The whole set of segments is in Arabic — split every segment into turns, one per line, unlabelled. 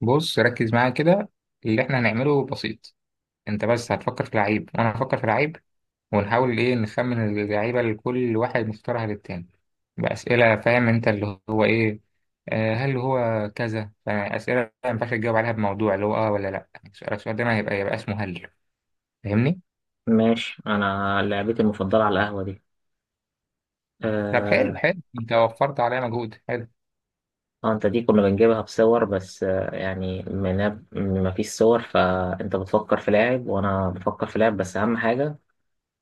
بص ركز معايا كده. اللي احنا هنعمله بسيط. انت بس هتفكر في لعيب وانا هفكر في لعيب، ونحاول ايه نخمن اللعيبه اللي كل واحد مختارها للتاني باسئله. فاهم انت اللي هو ايه؟ آه، هل هو كذا، يعني اسئله ما ينفعش تجاوب عليها بموضوع، اللي هو ولا لا، السؤال ده ما هيبقى يبقى اسمه هل. فاهمني؟
ماشي، انا لعبتي المفضله على القهوه دي.
طب حلو
آه...
حلو، انت وفرت عليا مجهود حلو.
انت دي كنا بنجيبها بصور، بس يعني من ما فيش صور فانت بتفكر في لاعب وانا بفكر في لاعب، بس اهم حاجه.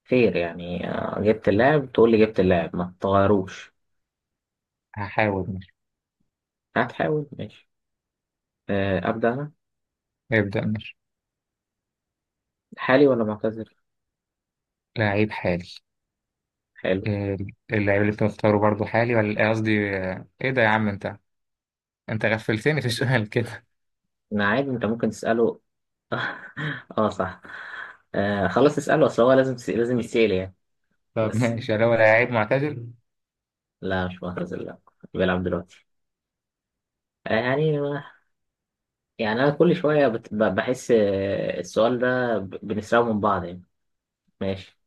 خير يعني، جبت اللاعب تقول لي جبت اللاعب ما تغيروش.
هحاول، ماشي.
هتحاول ماشي. ابدا انا.
ابدا ماشي.
حالي ولا معتذر؟
لعيب حالي.
حلو.
آه، اللعيب اللي انت مختاره برضه حالي ولا قصدي ايه ده يا عم انت؟ انت غفلتني في السؤال كده.
انا عادي، انت ممكن تساله. اه صح. خلاص اساله، اصل هو لازم يتسال يعني.
طب
بس
ماشي، لو لعيب معتزل.
لا، مش معتذر لا. بيلعب دلوقتي. يعني، يعني أنا كل شوية بحس السؤال ده بنسرقه من بعض يعني. ماشي،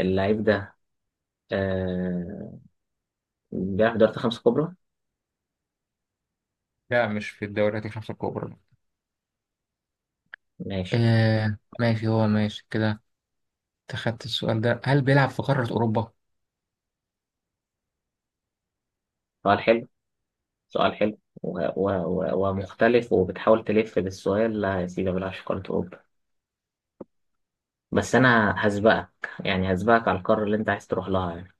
اللعيب ده، آه، بيلعب في دوري 5 كبرى.
لا، مش في الدوريات الخمسة الكبرى.
ماشي.
ماشي، هو ماشي كده. اتخذت السؤال ده، هل بيلعب في قارة أوروبا؟
سؤال حلو. سؤال حلو. و- و- و- ومختلف، وبتحاول تلف بالسؤال. لا يا سيدي، ما بيلعبش في قارة أوروبا. بس أنا هسبقك، يعني هسبقك على القارة اللي أنت عايز تروح لها يعني.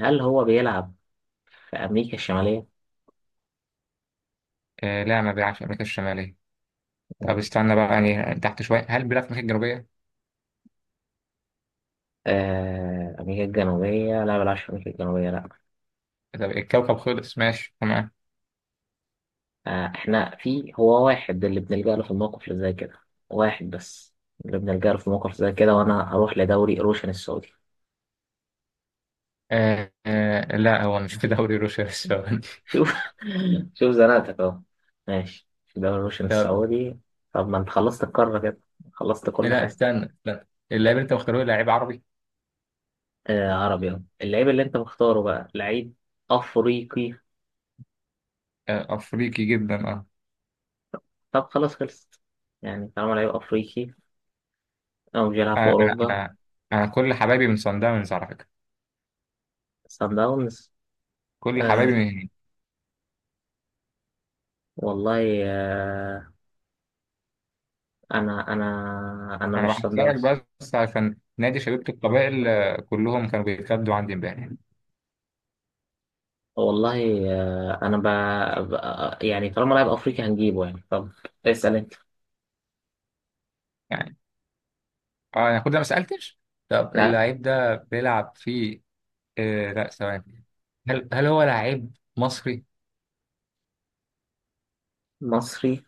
هل هو بيلعب في أمريكا الشمالية؟
لا، ما بيلعبش في أمريكا الشمالية. طب استنى بقى يعني تحت شوية، هل بيلعب في أمريكا الجنوبية؟
أمريكا الجنوبية لا، ما بيلعبش في أمريكا الجنوبية لا.
طب الكوكب خلص، ماشي تمام.
فاحنا في هو واحد اللي بنلجأ له في الموقف اللي زي كده، واحد بس اللي بنلجأ له في الموقف زي كده، وانا هروح لدوري روشن السعودي.
لا، هو مش في دوري روسيا السعودي
شوف. شوف زنقتك اهو. ماشي، في دوري روشن
طب
السعودي. طب ما انت خلصت القارة كده. خلصت كل
لا،
حاجة.
استنى لا، اللاعب اللي انت مختاره لعيب عربي.
آه عربي أهو. اللعيب اللي انت مختاره بقى لعيب افريقي.
أفريقي جدا
طب خلاص خلصت، يعني طالما لعيب افريقي او مش بيلعب في
آه، أنا
اوروبا.
أنا أنا كل حبايبي من صن داونز على فكرة.
سان داونز.
كل
آه،
حبايبي.
والله آه. انا انا
انا
مش سان
بحكي لك،
داونز.
بس عشان نادي شبيبة القبائل كلهم كانوا بيتكلموا عندي امبارح.
والله. آه، انا ب... ب... يعني طالما لاعب افريقي هنجيبه يعني. طب اسال انت.
يعني اه انا كنت ما سالتش. طب
لا،
اللعيب ده بيلعب في لا، ثواني. هل هو لعيب مصري؟
مصري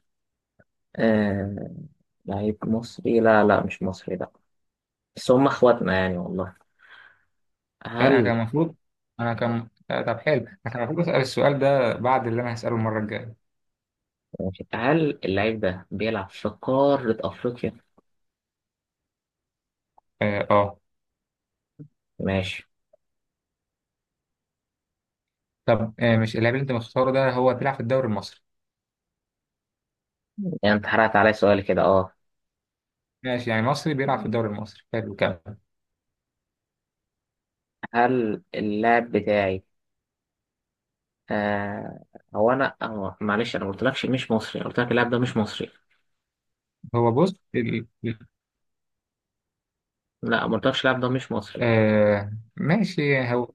آه... لعيب مصري؟ لا لا، مش مصري لا. بس هم اخواتنا يعني والله.
يعني انا
هل
كان المفروض، انا كان طب حلو، انا كان المفروض اسال السؤال ده بعد اللي انا هساله المره الجايه.
هل اللعيب ده بيلعب في قارة افريقيا؟
اه آه.
ماشي.
طب مش اللاعب اللي انت مختاره ده هو بيلعب في الدوري المصري.
يعني انت حرقت عليا سؤال كده اه.
ماشي، يعني مصري بيلعب في الدوري المصري، حلو، كمل.
هل اللاعب بتاعي آه... معلش، انا ما قلتلكش مش مصري، أنا قلت لك اللاعب ده مش مصري.
هو بص
لا ما قلتلكش اللاعب ده مش مصري.
ماشي هو.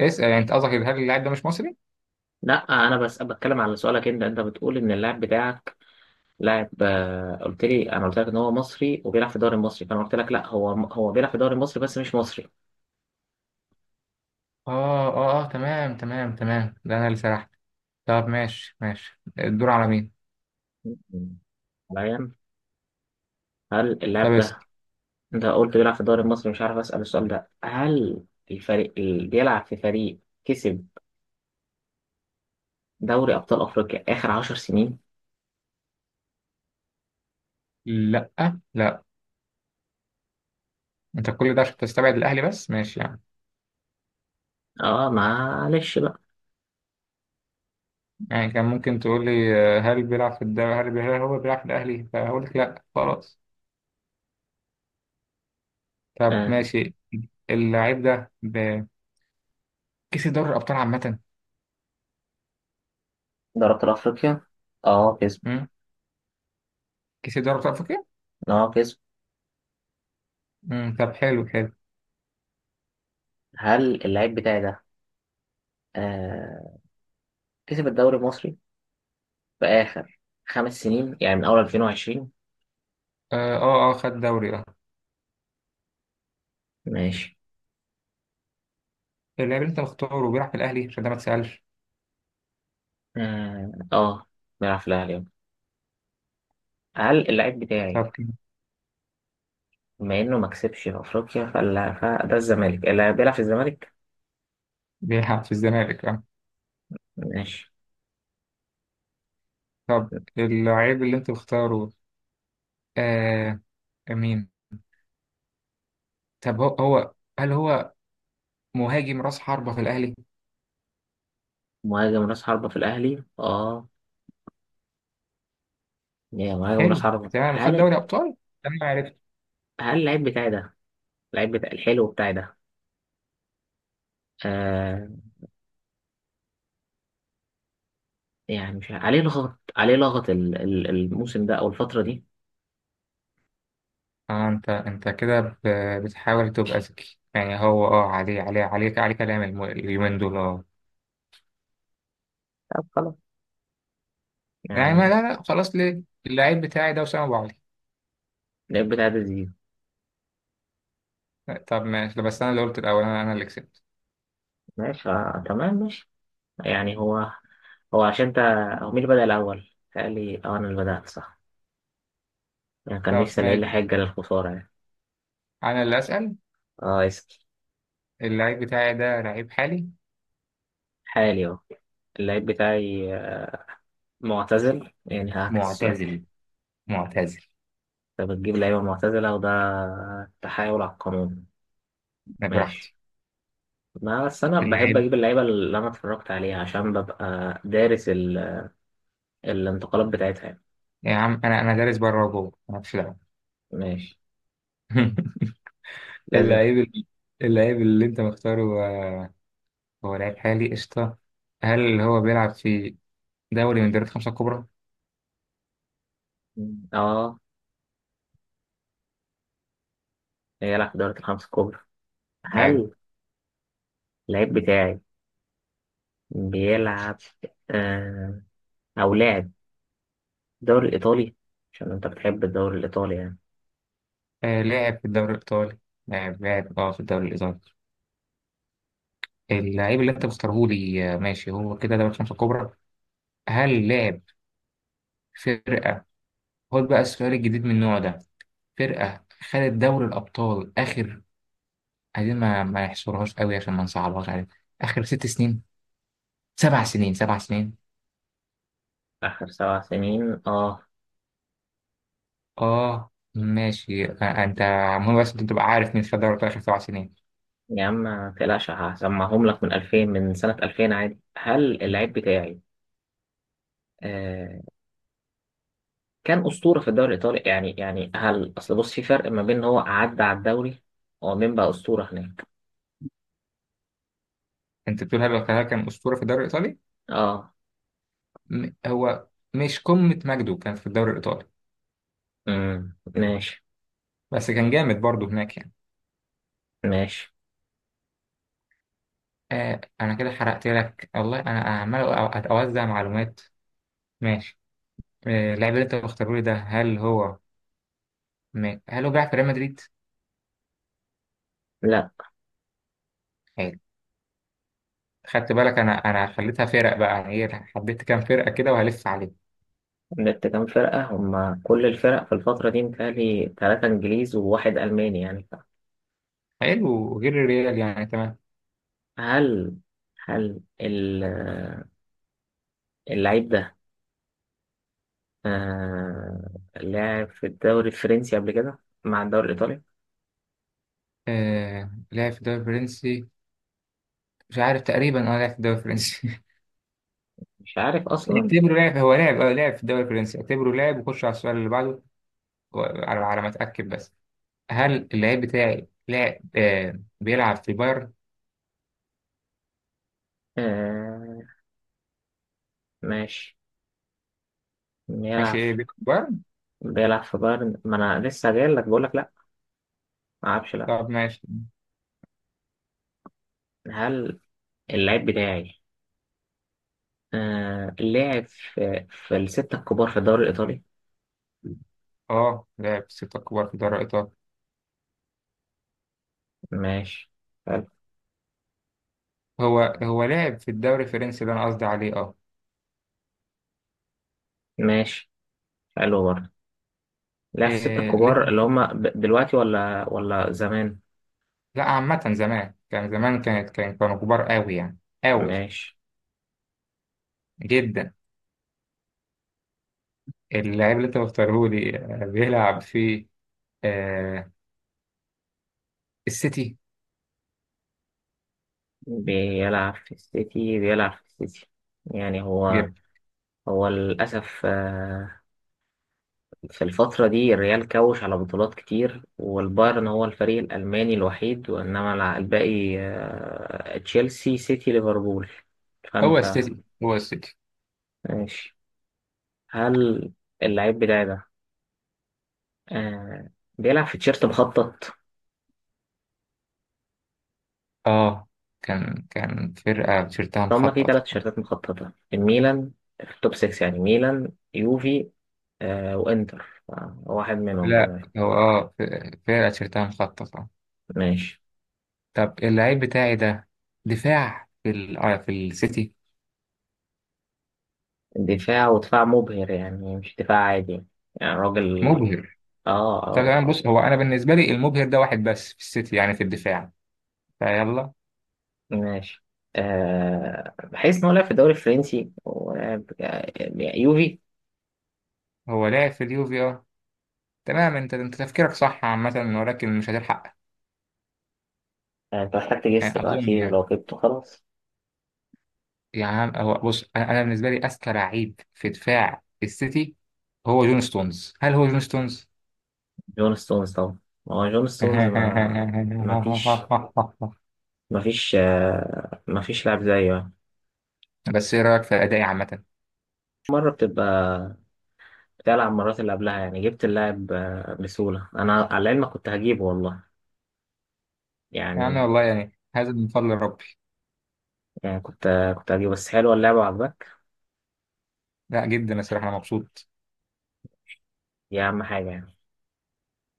اسأل، يعني انت قصدك هل اللاعب ده مش مصري؟
لا انا بس بتكلم على سؤالك انت، انت بتقول ان اللاعب بتاعك لاعب، قلت لي، انا قلت لك ان هو مصري وبيلعب في الدوري المصري، فانا قلت لك لا، هو بيلعب في الدوري المصري بس مش مصري.
اه تمام تمام تمام، ده انا اللي سرحت. طب ماشي ماشي، الدور على مين؟
مم. حاليا، هل
طب
اللاعب
اسأل.
ده، انت قلت بيلعب في الدوري المصري، مش عارف اسال السؤال ده، هل الفريق اللي بيلعب في فريق كسب دوري ابطال افريقيا اخر 10 سنين؟
لا، لا، انت كل ده عشان تستبعد الاهلي، بس ماشي يعني.
اه معلش بقى.
يعني كان ممكن تقول لي هل بيلعب في الدوري، هل هو بيلعب في الاهلي، فهقول لك لا، خلاص. طب
آه،
ماشي، اللاعب ده كسب دوري الابطال عامة.
دوري ابطال افريقيا اه، كسب؟
مم؟ كسب دوري ابطال افريقيا؟
اه كسب.
مم، طب حلو حلو.
هل اللاعب بتاعي ده آه كسب الدوري المصري في آخر 5 سنين، يعني من أول 2020؟
خد دوري
ماشي.
اللاعب اللي انت مختاره بيلعب في الاهلي، عشان ده ما تسألش.
آه آه، بيلعب في الأهلي أهو. هل اللاعب بتاعي،
طب كده
بما إنه ما كسبش في أفريقيا فلا، فده الزمالك، اللي بيلعب في الزمالك.
بيلعب في الزمالك
ماشي.
طب اللعيب اللي انت بتختاره، آه مين؟ طب هو، هل هو مهاجم راس حربة في الاهلي؟
مهاجم راس حربة في الأهلي آه، يا مهاجم راس
حلو،
حربة،
تمام، وخد
هل؟
دوري ابطال. انا عرفت.
هل اللاعب بتاعي ده، اللاعب بتاع الحلو بتاعي ده، آه يعني مش عارف- عليه لغط، عليه لغط الموسم ده أو الفترة دي.
اه انت كده بتحاول تبقى ذكي. يعني هو عليه كلام اليومين دول
طب خلاص
يعني ما
يعني.
لا لا، خلاص، ليه؟ اللعيب بتاعي ده وسام ابو علي.
اللاعب بتاعي ده زيزو.
طب ماشي، ده بس انا اللي قلت الاول، انا اللي كسبت.
ماشي آه تمام ماشي. يعني هو، هو عشان انت، هو مين اللي بدأ الأول؟ قال لي اه، أنا اللي بدأت صح. يعني كان
طب
نفسي ألاقي لي
ماشي،
حاجة للخسارة يعني.
انا اللي اسال.
اه اسأل.
اللعيب بتاعي ده لعيب حالي.
حالي اهو. اللعيب بتاعي معتزل، يعني هعكس السؤال.
معتزل، معتزل.
انت بتجيب لعيبة معتزلة، وده تحايل على القانون. ماشي.
براحتي.
ما بس أنا بحب
اللعيب،
أجيب اللعيبة اللي أنا اتفرجت عليها عشان ببقى دارس الانتقالات بتاعتها يعني.
يا عم انا دارس بره وجوه، انا في دعوه.
ماشي. لازم.
اللعيب ال- اللعيب اللي انت مختاره، هو لعيب حالي، قشطه. هل اللي هو بيلعب في دوري من دوري الخمسه الكبرى؟
اه، يلعب في دوري ال5 الكبرى.
حلو.
هل اللعيب بتاعي بيلعب آه، أو لعب الدوري الإيطالي، عشان أنت بتحب الدوري الإيطالي يعني.
لاعب في الدوري الايطالي. لاعب في الدوري الايطالي. اللعيب اللي انت مختاره لي ماشي، هو كده دوري الخمسه الكبرى. هل لاعب فرقه، خد بقى السؤال الجديد من النوع ده. فرقه خدت دوري الابطال اخر، عايزين ما يحصرهاش قوي عشان ما نصعبهاش عليك. اخر ست سنين سبع سنين 7 سنين.
آخر 7 سنين آه.
اه ماشي انت. مهم بس انت تبقى عارف مين خد دوري الابطال اخر 7 سنين.
يا عم ما تقلقش، هسمعهم لك من 2000، من سنة 2000 عادي. هل اللعيب بتاعي آه كان أسطورة في الدوري الإيطالي يعني، يعني هل، أصل بص في فرق ما بين إن هو عدى على الدوري ومين بقى أسطورة هناك.
انت بتقول هل الخلايا كان اسطوره في الدوري الايطالي؟
آه
هو مش قمه مجده كان في الدوري الايطالي،
امم، ماشي.
بس كان جامد برضه هناك يعني.
ماشي.
آه، انا كده حرقت لك، والله انا عمال اوزع معلومات. ماشي. اللاعب اللي انت مختاره لي ده، هل هو هل هو بيلعب في ريال مدريد؟
لا،
حلو. خدت بالك انا خليتها فرق بقى، يعني ايه، حددت كام فرقه كده وهلف عليه.
جبت كام فرقة، هما كل الفرق في الفترة دي متهيألي تلاتة إنجليز وواحد ألماني يعني.
حلو، غير الريال يعني، تمام.
هل هل اللعيب ده آه لعب في الدوري الفرنسي قبل كده مع الدوري الإيطالي؟
لعب في الدوري الفرنسي، مش عارف، تقريبا لعب في الدوري الفرنسي
مش عارف أصلا.
اعتبره لعب، هو لعب، لعب في الدوري الفرنسي، اعتبره لعب وخش على السؤال اللي بعده. على ما اتاكد بس. هل اللعيب بتاعي لاعب بيلعب في بايرن؟
آه ماشي.
ماشي،
بيلعب،
ايه، بيلعب في بايرن.
بيلعب في بايرن؟ ما أنا لسه جاي لك بقول لك لأ، ما أعرفش لأ.
طب ماشي.
هل اللعيب بتاعي لعب في, في الستة الكبار في الدوري الإيطالي؟
اه لعب في 6 كبار في دوري ايطاليا.
ماشي. حلو.
هو لعب في الدوري الفرنسي، ده انا قصدي عليه
ماشي. حلو برضه. لعب في الستة
إيه، اللي
الكبار
انت.
اللي هما دلوقتي ولا زمان؟
لا، عامة زمان، كان زمان كانت كان كانوا كبار قوي يعني، قوي
ماشي.
جدا. اللعيب اللي انت مختاره لي بيلعب في آه السيتي.
بيلعب في السيتي، بيلعب في السيتي. يعني هو، هو للأسف في الفترة دي الريال كوش على بطولات كتير، والبايرن هو الفريق الألماني الوحيد، وإنما الباقي تشيلسي، سيتي، ليفربول.
هو
فأنت،
السيتي، هو السيتي.
ماشي. هل اللعيب بتاعي ده آه، بيلعب في تيشيرت مخطط؟
اه كان فرقة تيشيرتها
هما في تلات
مخططة.
تيشيرتات مخططة، الميلان في التوب 6، يعني ميلان، يوفي وإنتر واحد منهم
لا
كده.
هو، فرقة تيشيرتها مخططة.
ماشي.
طب اللعيب بتاعي ده دفاع في ال آه في السيتي.
دفاع، ودفاع مبهر يعني، مش دفاع عادي يعني. يعني راجل.
مبهر.
اه اه
طب انا
اه.
بص، هو انا بالنسبة لي المبهر ده واحد بس في السيتي، يعني في الدفاع. فيلا.
ماشي. آه، بحيث ان هو لعب في الدوري الفرنسي ولعب يوفي.
هو لعب في اليوفي تمام، انت تفكيرك صح عامة، ولكن مش هتلحق.
انت محتاج تجس
يعني اظن
دلوقتي،
يعني.
ولو جبته خلاص.
يعني هو بص، انا، بالنسبة لي اذكى لعيب في دفاع السيتي هو جون ستونز. هل هو جون ستونز؟
جون ستونز طبعا. ما هو جون ستونز، ما، ما فيش، ما فيش ما فيش لاعب زيه يعني.
بس ايه رايك في ادائي عامه؟
مرة بتبقى، بتلعب مرات اللي قبلها يعني. جبت اللاعب بسهولة، أنا على العلم كنت هجيبه والله يعني.
يعني والله، يعني هذا من فضل ربي.
يعني كنت هجيبه، بس حلوة اللعبة عجبك.
لا جدا، الصراحه انا مبسوط.
دي أهم حاجة يعني.